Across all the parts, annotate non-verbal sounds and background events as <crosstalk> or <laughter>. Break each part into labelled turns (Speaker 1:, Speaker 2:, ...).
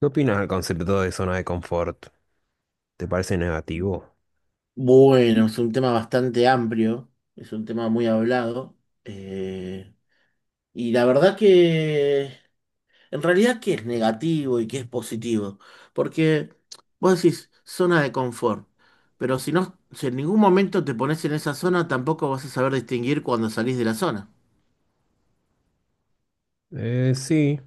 Speaker 1: ¿Qué opinas del concepto de zona de confort? ¿Te parece negativo?
Speaker 2: Bueno, es un tema bastante amplio, es un tema muy hablado. eh, y la verdad que en realidad que es negativo y que es positivo. Porque vos decís zona de confort, pero si no, si en ningún momento te pones en esa zona, tampoco vas a saber distinguir cuando salís de la zona.
Speaker 1: Sí,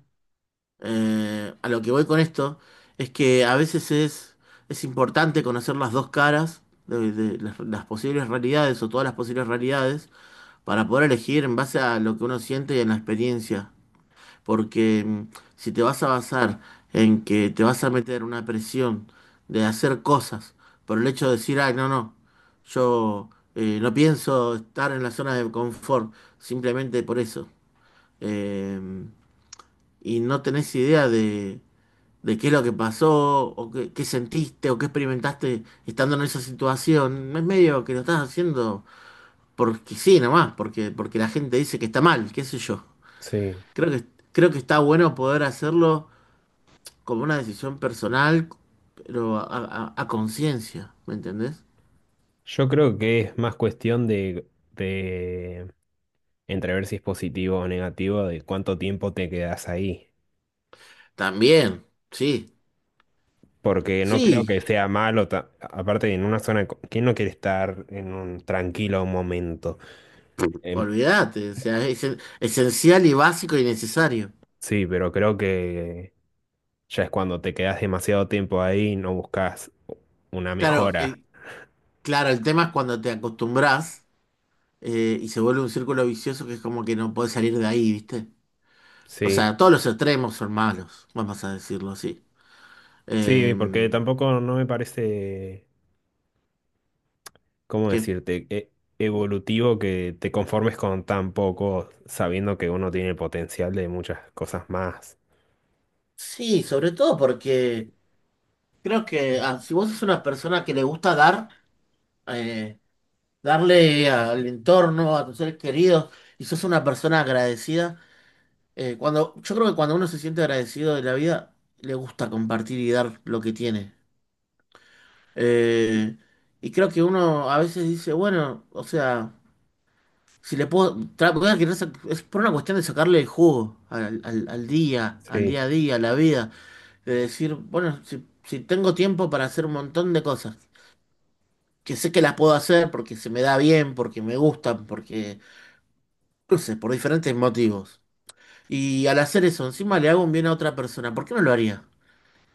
Speaker 2: A lo que voy con esto es que es importante conocer las dos caras de las posibles realidades o todas las posibles realidades para poder elegir en base a lo que uno siente y en la experiencia. Porque si te vas a basar en que te vas a meter una presión de hacer cosas por el hecho de decir, ay, no, yo no pienso estar en la zona de confort, simplemente por eso. eh, y no tenés idea de qué es lo que pasó, o qué, qué sentiste, o qué experimentaste estando en esa situación, es medio que lo estás haciendo porque sí, nomás, porque la gente dice que está mal, qué sé yo.
Speaker 1: sí.
Speaker 2: Creo que, creo que está bueno poder hacerlo como una decisión personal, pero a conciencia, ¿me entendés?
Speaker 1: Yo creo que es más cuestión de, de entrever si es positivo o negativo, de cuánto tiempo te quedas ahí.
Speaker 2: También, sí,
Speaker 1: Porque no creo que
Speaker 2: sí,
Speaker 1: sea malo, aparte en una zona, ¿quién no quiere estar en un tranquilo momento? Em,
Speaker 2: olvídate, o sea, es esencial y básico y necesario.
Speaker 1: sí, pero creo que ya es cuando te quedas demasiado tiempo ahí y no buscas una
Speaker 2: Claro,
Speaker 1: mejora.
Speaker 2: el, claro, el tema es cuando te acostumbras, y se vuelve un círculo vicioso que es como que no puedes salir de ahí, ¿viste? O
Speaker 1: Sí.
Speaker 2: sea, todos los extremos son malos, vamos a decirlo así.
Speaker 1: Sí, porque
Speaker 2: Em,
Speaker 1: tampoco no me parece, ¿cómo
Speaker 2: que
Speaker 1: decirte?, evolutivo que te conformes con tan poco, sabiendo que uno tiene el potencial de muchas cosas más.
Speaker 2: Sí, sobre todo porque creo que si vos sos una persona que le gusta dar, eh, darle al entorno, a tus seres queridos, y sos una persona agradecida, yo creo que cuando uno se siente agradecido de la vida, le gusta compartir y dar lo que tiene. Eh, y creo que uno a veces dice, bueno, o sea, si le puedo, tra- voy a es por una cuestión de sacarle el jugo al día, al
Speaker 1: Sí,
Speaker 2: día a día, a la vida. De decir, bueno, si tengo tiempo para hacer un montón de cosas, que sé que las puedo hacer porque se me da bien, porque me gustan, porque, no sé, por diferentes motivos. Y al hacer eso, encima le hago un bien a otra persona, ¿por qué no lo haría?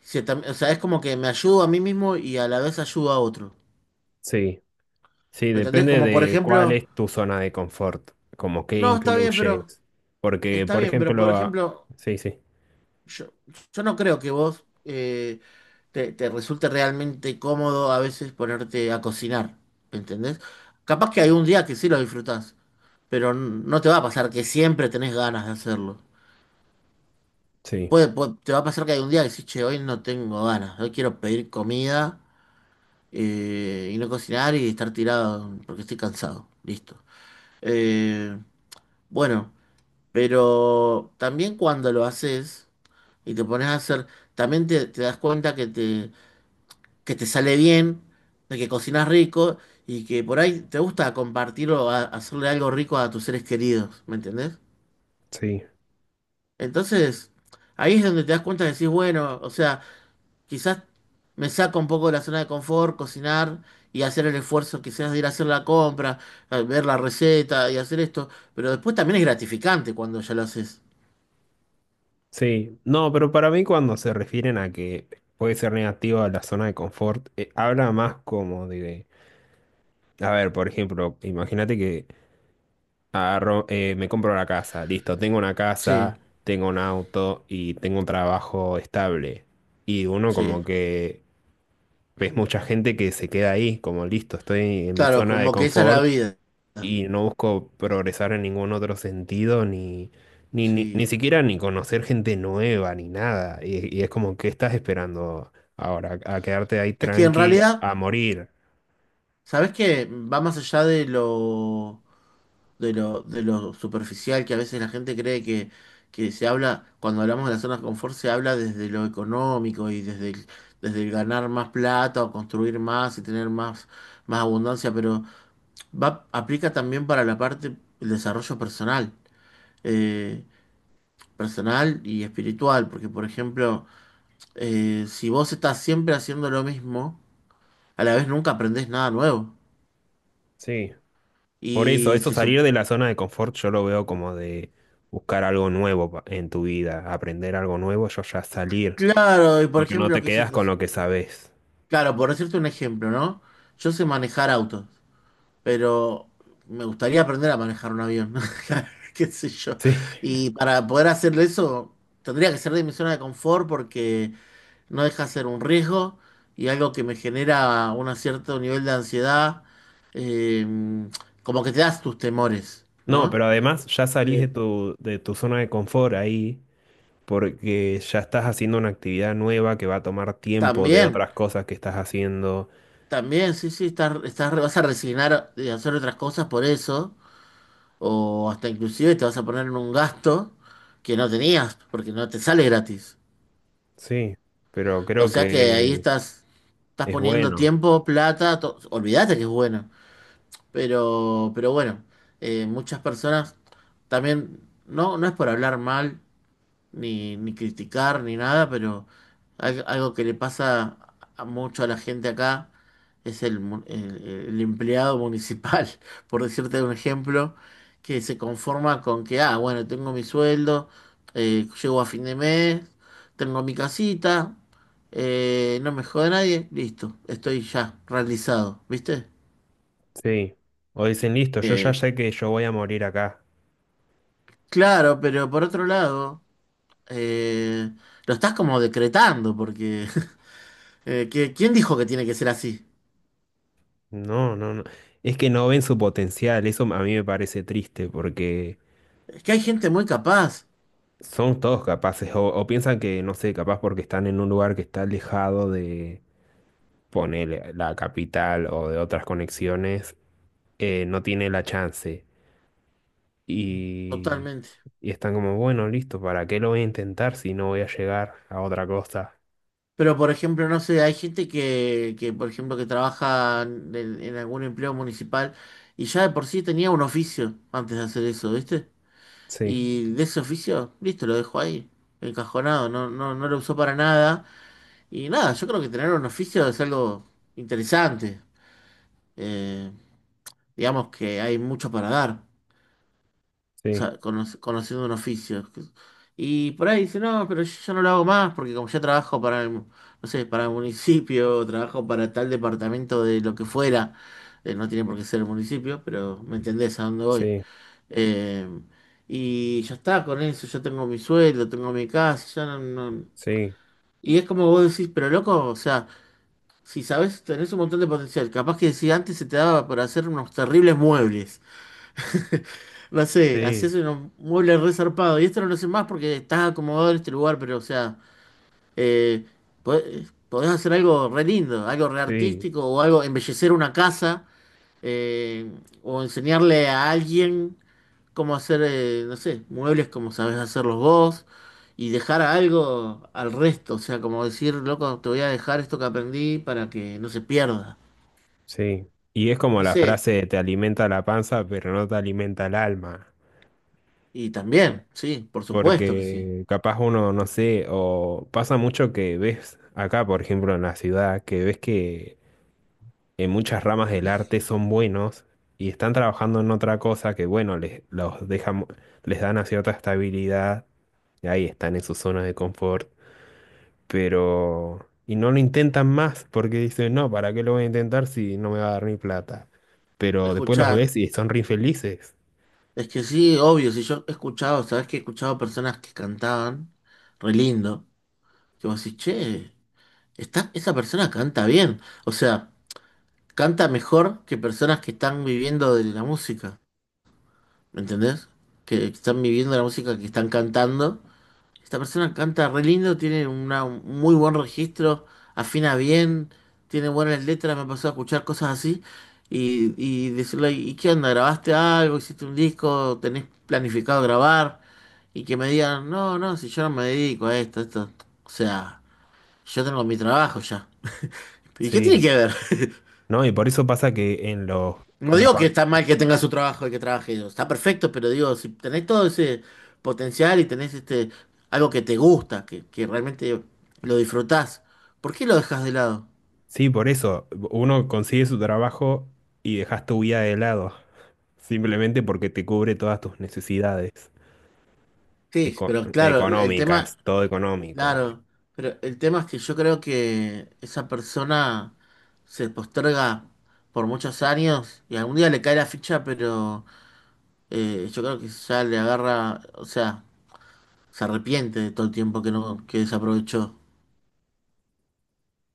Speaker 2: Si tam- O sea, es como que me ayudo a mí mismo y a la vez ayudo a otro.
Speaker 1: sí, sí,
Speaker 2: ¿Me entendés?
Speaker 1: depende
Speaker 2: Como por
Speaker 1: de cuál
Speaker 2: ejemplo,
Speaker 1: es tu zona de confort, como qué
Speaker 2: no,
Speaker 1: incluyes. Porque,
Speaker 2: está
Speaker 1: por
Speaker 2: bien, pero por
Speaker 1: ejemplo,
Speaker 2: ejemplo...
Speaker 1: sí, sí,
Speaker 2: Yo, yo no creo que vos te resulte realmente cómodo a veces ponerte a cocinar, ¿entendés? Capaz que hay un día que sí lo disfrutás, pero no te va a pasar que siempre tenés ganas de hacerlo.
Speaker 1: sí,
Speaker 2: Te va a pasar que hay un día que decís, che, hoy no tengo ganas, hoy quiero pedir comida, y no cocinar y estar tirado porque estoy cansado, listo. Eh, bueno, pero también cuando lo haces y te pones a hacer, también te das cuenta que te sale bien, de que cocinas rico y que por ahí te gusta compartir o hacerle algo rico a tus seres queridos, ¿me entendés?
Speaker 1: sí,
Speaker 2: Entonces, ahí es donde te das cuenta y decís, bueno, o sea, quizás me saco un poco de la zona de confort, cocinar y hacer el esfuerzo quizás de ir a hacer la compra, a ver la receta y hacer esto, pero después también es gratificante cuando ya lo haces.
Speaker 1: sí. No, pero para mí cuando se refieren a que puede ser negativo a la zona de confort, habla más como de... A ver, por ejemplo, imagínate que agarro, me compro una casa, listo, tengo una
Speaker 2: Sí,
Speaker 1: casa, tengo un auto y tengo un trabajo estable. Y uno
Speaker 2: sí.
Speaker 1: como que ves mucha gente que se queda ahí, como listo, estoy en mi
Speaker 2: Claro,
Speaker 1: zona de
Speaker 2: como que esa es la
Speaker 1: confort
Speaker 2: vida.
Speaker 1: y no busco progresar en ningún otro sentido, ni
Speaker 2: Sí.
Speaker 1: siquiera ni conocer gente nueva, ni nada. Y es como, ¿qué estás esperando ahora? ¿A quedarte ahí
Speaker 2: Es que en
Speaker 1: tranqui,
Speaker 2: realidad...
Speaker 1: a morir?
Speaker 2: Sabes que va más allá de lo superficial que a veces la gente cree que se habla, cuando hablamos de las zonas de confort, se habla desde lo económico y desde el ganar más plata o construir más y tener más, más abundancia, pero va, aplica también para la parte del desarrollo personal, eh, personal y espiritual, porque por ejemplo, si vos estás siempre haciendo lo mismo, a la vez nunca aprendés nada nuevo.
Speaker 1: Sí. Por eso,
Speaker 2: Y
Speaker 1: eso
Speaker 2: se
Speaker 1: salir de la zona de confort yo lo veo como de buscar algo nuevo en tu vida, aprender algo nuevo, yo ya salir,
Speaker 2: Claro, y por
Speaker 1: porque no
Speaker 2: ejemplo,
Speaker 1: te quedas con lo que sabes. <laughs>
Speaker 2: claro, por decirte un ejemplo, ¿no? Yo sé manejar autos, pero me gustaría aprender a manejar un avión, <laughs> qué sé yo.
Speaker 1: Sí.
Speaker 2: Y para poder hacerle eso, tendría que ser de mi zona de confort porque no deja de ser un riesgo y algo que me genera un cierto nivel de ansiedad, eh, como que te das tus temores,
Speaker 1: No,
Speaker 2: ¿no?
Speaker 1: pero además ya salís
Speaker 2: Eh,
Speaker 1: de tu zona de confort ahí, porque ya estás haciendo una actividad nueva que va a tomar tiempo de
Speaker 2: también,
Speaker 1: otras cosas que estás haciendo.
Speaker 2: también, sí, sí, vas a resignar de hacer otras cosas por eso o hasta inclusive te vas a poner en un gasto que no tenías, porque no te sale gratis.
Speaker 1: Sí, pero
Speaker 2: O
Speaker 1: creo
Speaker 2: sea que
Speaker 1: que
Speaker 2: estás
Speaker 1: es
Speaker 2: poniendo
Speaker 1: bueno.
Speaker 2: tiempo, plata, olvídate que es bueno. Pero bueno, muchas personas también, no, no es por hablar mal, ni criticar ni nada, pero algo que le pasa a mucho a la gente acá es el empleado municipal, <laughs> por decirte un ejemplo, que se conforma con que, ah, bueno, tengo mi sueldo, llego a fin de mes, tengo mi casita, no me jode nadie, listo, estoy ya realizado, ¿viste?
Speaker 1: Sí. O dicen, listo, yo ya
Speaker 2: Eh,
Speaker 1: sé que yo voy a morir acá.
Speaker 2: claro, pero por otro lado, eh, lo estás como decretando, porque <laughs> ¿qué- ¿quién dijo que tiene que ser así?
Speaker 1: No, no, no. Es que no ven su potencial. Eso a mí me parece triste porque
Speaker 2: Es que hay gente muy capaz,
Speaker 1: son todos capaces. O piensan que, no sé, capaz porque están en un lugar que está alejado de, ponele, la capital o de otras conexiones, no tiene la chance. Y,
Speaker 2: totalmente.
Speaker 1: y están como, bueno, listo, ¿para qué lo voy a intentar si no voy a llegar a otra cosa?
Speaker 2: Pero, por ejemplo, no sé, hay gente por ejemplo, que trabaja en algún empleo municipal y ya de por sí tenía un oficio antes de hacer eso, ¿viste?
Speaker 1: Sí,
Speaker 2: Y de ese oficio, listo, lo dejó ahí, encajonado, no lo usó para nada. Y nada, yo creo que tener un oficio es algo interesante. Eh, digamos que hay mucho para dar. O
Speaker 1: sí,
Speaker 2: sea, conociendo un oficio. Y por ahí dice, no, pero yo ya no lo hago más porque como ya trabajo para no sé, para el municipio, <laughs> trabajo para tal departamento de lo que fuera, no tiene por qué ser el municipio, pero me entendés a dónde voy.
Speaker 1: sí,
Speaker 2: Eh, y ya está con eso, ya tengo mi sueldo, tengo mi casa, ya no-
Speaker 1: sí,
Speaker 2: Y es como vos decís, pero loco, o sea, si sabés, tenés un montón de potencial, capaz que si antes se te daba para hacer unos terribles muebles. <laughs> No sé,
Speaker 1: sí,
Speaker 2: hacías un mueble re zarpado. Y esto no lo sé más porque estás acomodado en este lugar, pero o sea, eh, podés hacer algo re lindo, algo re
Speaker 1: sí.
Speaker 2: artístico o algo, embellecer una casa, eh, o enseñarle a alguien cómo hacer, no sé, muebles como sabés hacerlos vos y dejar algo al resto. O sea, como decir, loco, te voy a dejar esto que aprendí para que no se pierda.
Speaker 1: Sí, y es como
Speaker 2: No
Speaker 1: la
Speaker 2: sé,
Speaker 1: frase, te alimenta la panza, pero no te alimenta el alma,
Speaker 2: y también, sí, por supuesto que sí.
Speaker 1: porque capaz uno, no sé, o pasa mucho que ves acá, por ejemplo, en la ciudad, que ves que en muchas ramas del arte son buenos y están trabajando en otra cosa que, bueno, les, los dejan, les dan una cierta estabilidad, y ahí están en su zona de confort. Pero... Y no lo intentan más porque dicen, no, ¿para qué lo voy a intentar si no me va a dar ni plata? Pero después los ves
Speaker 2: Escuchar.
Speaker 1: y son re infelices.
Speaker 2: Es que sí, obvio, si yo he escuchado, sabes que he escuchado personas que cantaban re lindo, que vos decís, che, esa persona canta bien, o sea, canta mejor que personas que están viviendo de la música, ¿me entendés? Que están viviendo la música, que están cantando esta persona canta re lindo, tiene un muy buen registro, afina bien, tiene buenas letras, me pasó a escuchar cosas así y decirle, ¿y qué onda? ¿Grabaste algo? ¿Hiciste un disco? ¿Tenés planificado grabar? Y que me digan, si yo no me dedico a esto, o sea, yo tengo mi trabajo ya. <laughs> ¿Y qué tiene
Speaker 1: Sí,
Speaker 2: que ver? <laughs>
Speaker 1: ¿no? Y por eso pasa que en los,
Speaker 2: No
Speaker 1: los
Speaker 2: digo que
Speaker 1: ban-
Speaker 2: está mal que tenga su trabajo y que trabaje, digo, está perfecto, pero digo, si tenés todo ese potencial y tenés este algo que te gusta, que realmente lo disfrutás, ¿por qué lo dejas de lado?
Speaker 1: sí, por eso. Uno consigue su trabajo y dejas tu vida de lado. Simplemente porque te cubre todas tus necesidades
Speaker 2: Sí, pero claro, el el tema,
Speaker 1: económicas, todo económico.
Speaker 2: claro, pero el tema es que yo creo que esa persona se posterga por muchos años y algún día le cae la ficha, pero yo creo que ya le agarra, o sea, se arrepiente de todo el tiempo que no, que desaprovechó.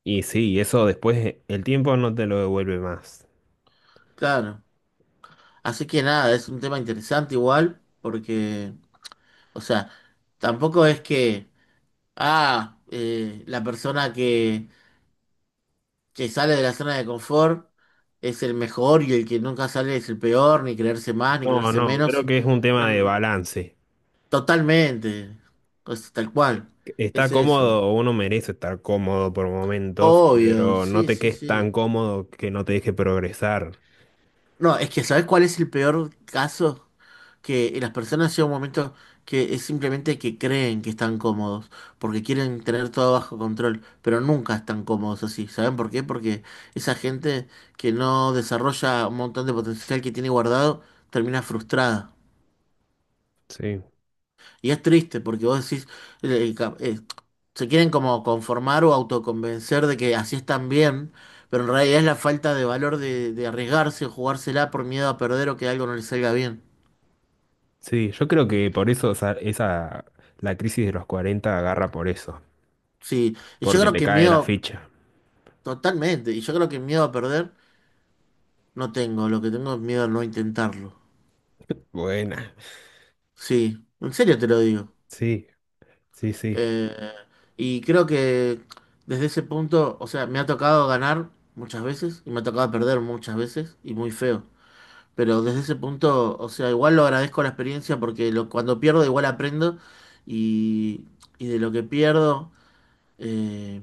Speaker 1: Y sí, eso después el tiempo no te lo devuelve más.
Speaker 2: Claro. Así que nada, es un tema interesante igual, porque, o sea, tampoco es que, la persona que sale de la zona de confort es el mejor y el que nunca sale es el peor, ni creerse más, ni
Speaker 1: No,
Speaker 2: creerse
Speaker 1: no, creo
Speaker 2: menos.
Speaker 1: que es un
Speaker 2: No,
Speaker 1: tema de
Speaker 2: no,
Speaker 1: balance.
Speaker 2: totalmente, pues, tal cual,
Speaker 1: Está
Speaker 2: es eso.
Speaker 1: cómodo, uno merece estar cómodo por momentos,
Speaker 2: Obvio,
Speaker 1: pero no
Speaker 2: sí,
Speaker 1: te
Speaker 2: sí,
Speaker 1: quedes tan
Speaker 2: sí.
Speaker 1: cómodo que no te deje progresar.
Speaker 2: No, es que ¿sabes cuál es el peor caso? Que las personas llegan un momento que es simplemente que creen que están cómodos, porque quieren tener todo bajo control, pero nunca están cómodos así. ¿Saben por qué? Porque esa gente que no desarrolla un montón de potencial que tiene guardado, termina frustrada.
Speaker 1: Sí,
Speaker 2: Y es triste, porque vos decís, eh, ca- eh, se quieren como conformar o autoconvencer de que así están bien, pero en realidad es la falta de valor de arriesgarse o jugársela por miedo a perder o que algo no les salga bien.
Speaker 1: sí, yo creo que por eso esa la crisis de los 40 agarra por eso,
Speaker 2: Sí, y yo
Speaker 1: porque
Speaker 2: creo
Speaker 1: te
Speaker 2: que
Speaker 1: cae la
Speaker 2: miedo,
Speaker 1: ficha.
Speaker 2: totalmente, y yo creo que miedo a perder no tengo, lo que tengo es miedo a no intentarlo.
Speaker 1: Buena.
Speaker 2: Sí, en serio te lo digo.
Speaker 1: Sí, sí, sí,
Speaker 2: Eh, y creo que desde ese punto, o sea, me ha tocado ganar muchas veces y me ha tocado perder muchas veces y muy feo. Pero desde ese punto, o sea, igual lo agradezco la experiencia porque cuando pierdo igual aprendo y, y de lo que pierdo eh,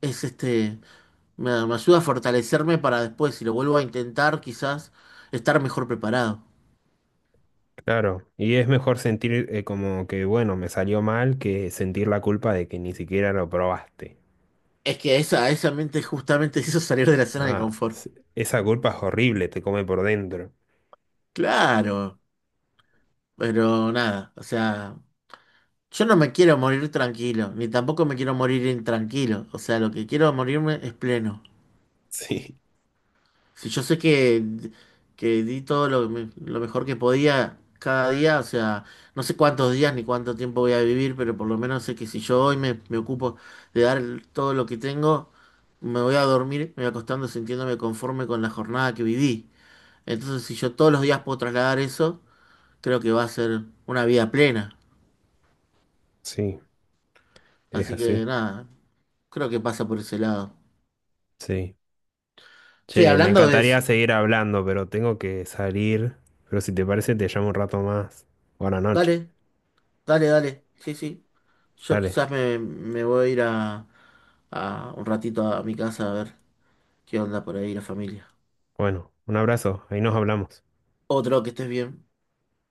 Speaker 2: es este... me ayuda a fortalecerme para después, si lo vuelvo a intentar, quizás estar mejor preparado.
Speaker 1: claro. Y es mejor sentir como que, bueno, me salió mal que sentir la culpa de que ni siquiera lo probaste.
Speaker 2: Es que esa mente justamente <laughs> hizo salir de la zona de
Speaker 1: Ah,
Speaker 2: confort.
Speaker 1: sí, esa culpa es horrible, te come por dentro.
Speaker 2: Claro, pero nada, o sea, yo no me quiero morir tranquilo, ni tampoco me quiero morir intranquilo. O sea, lo que quiero morirme es pleno.
Speaker 1: Sí.
Speaker 2: Si yo sé que di lo mejor que podía cada día, o sea, no sé cuántos días ni cuánto tiempo voy a vivir, pero por lo menos sé que si yo hoy me ocupo de todo lo que tengo, me voy acostando sintiéndome conforme con la jornada que viví. Entonces, si yo todos los días puedo trasladar eso, creo que va a ser una vida plena.
Speaker 1: Sí, es
Speaker 2: Así
Speaker 1: así.
Speaker 2: que nada, creo que pasa por ese lado.
Speaker 1: Sí.
Speaker 2: Sí,
Speaker 1: Che, me
Speaker 2: hablando de
Speaker 1: encantaría
Speaker 2: eso,
Speaker 1: seguir hablando, pero tengo que salir. Pero si te parece, te llamo un rato más. Buenas noches.
Speaker 2: dale, dale, dale. Sí, sí. Yo
Speaker 1: Dale.
Speaker 2: me voy a ir a un ratito a mi casa a ver qué onda por ahí la familia.
Speaker 1: Bueno, un abrazo. Ahí nos hablamos.
Speaker 2: Otro, que estés bien.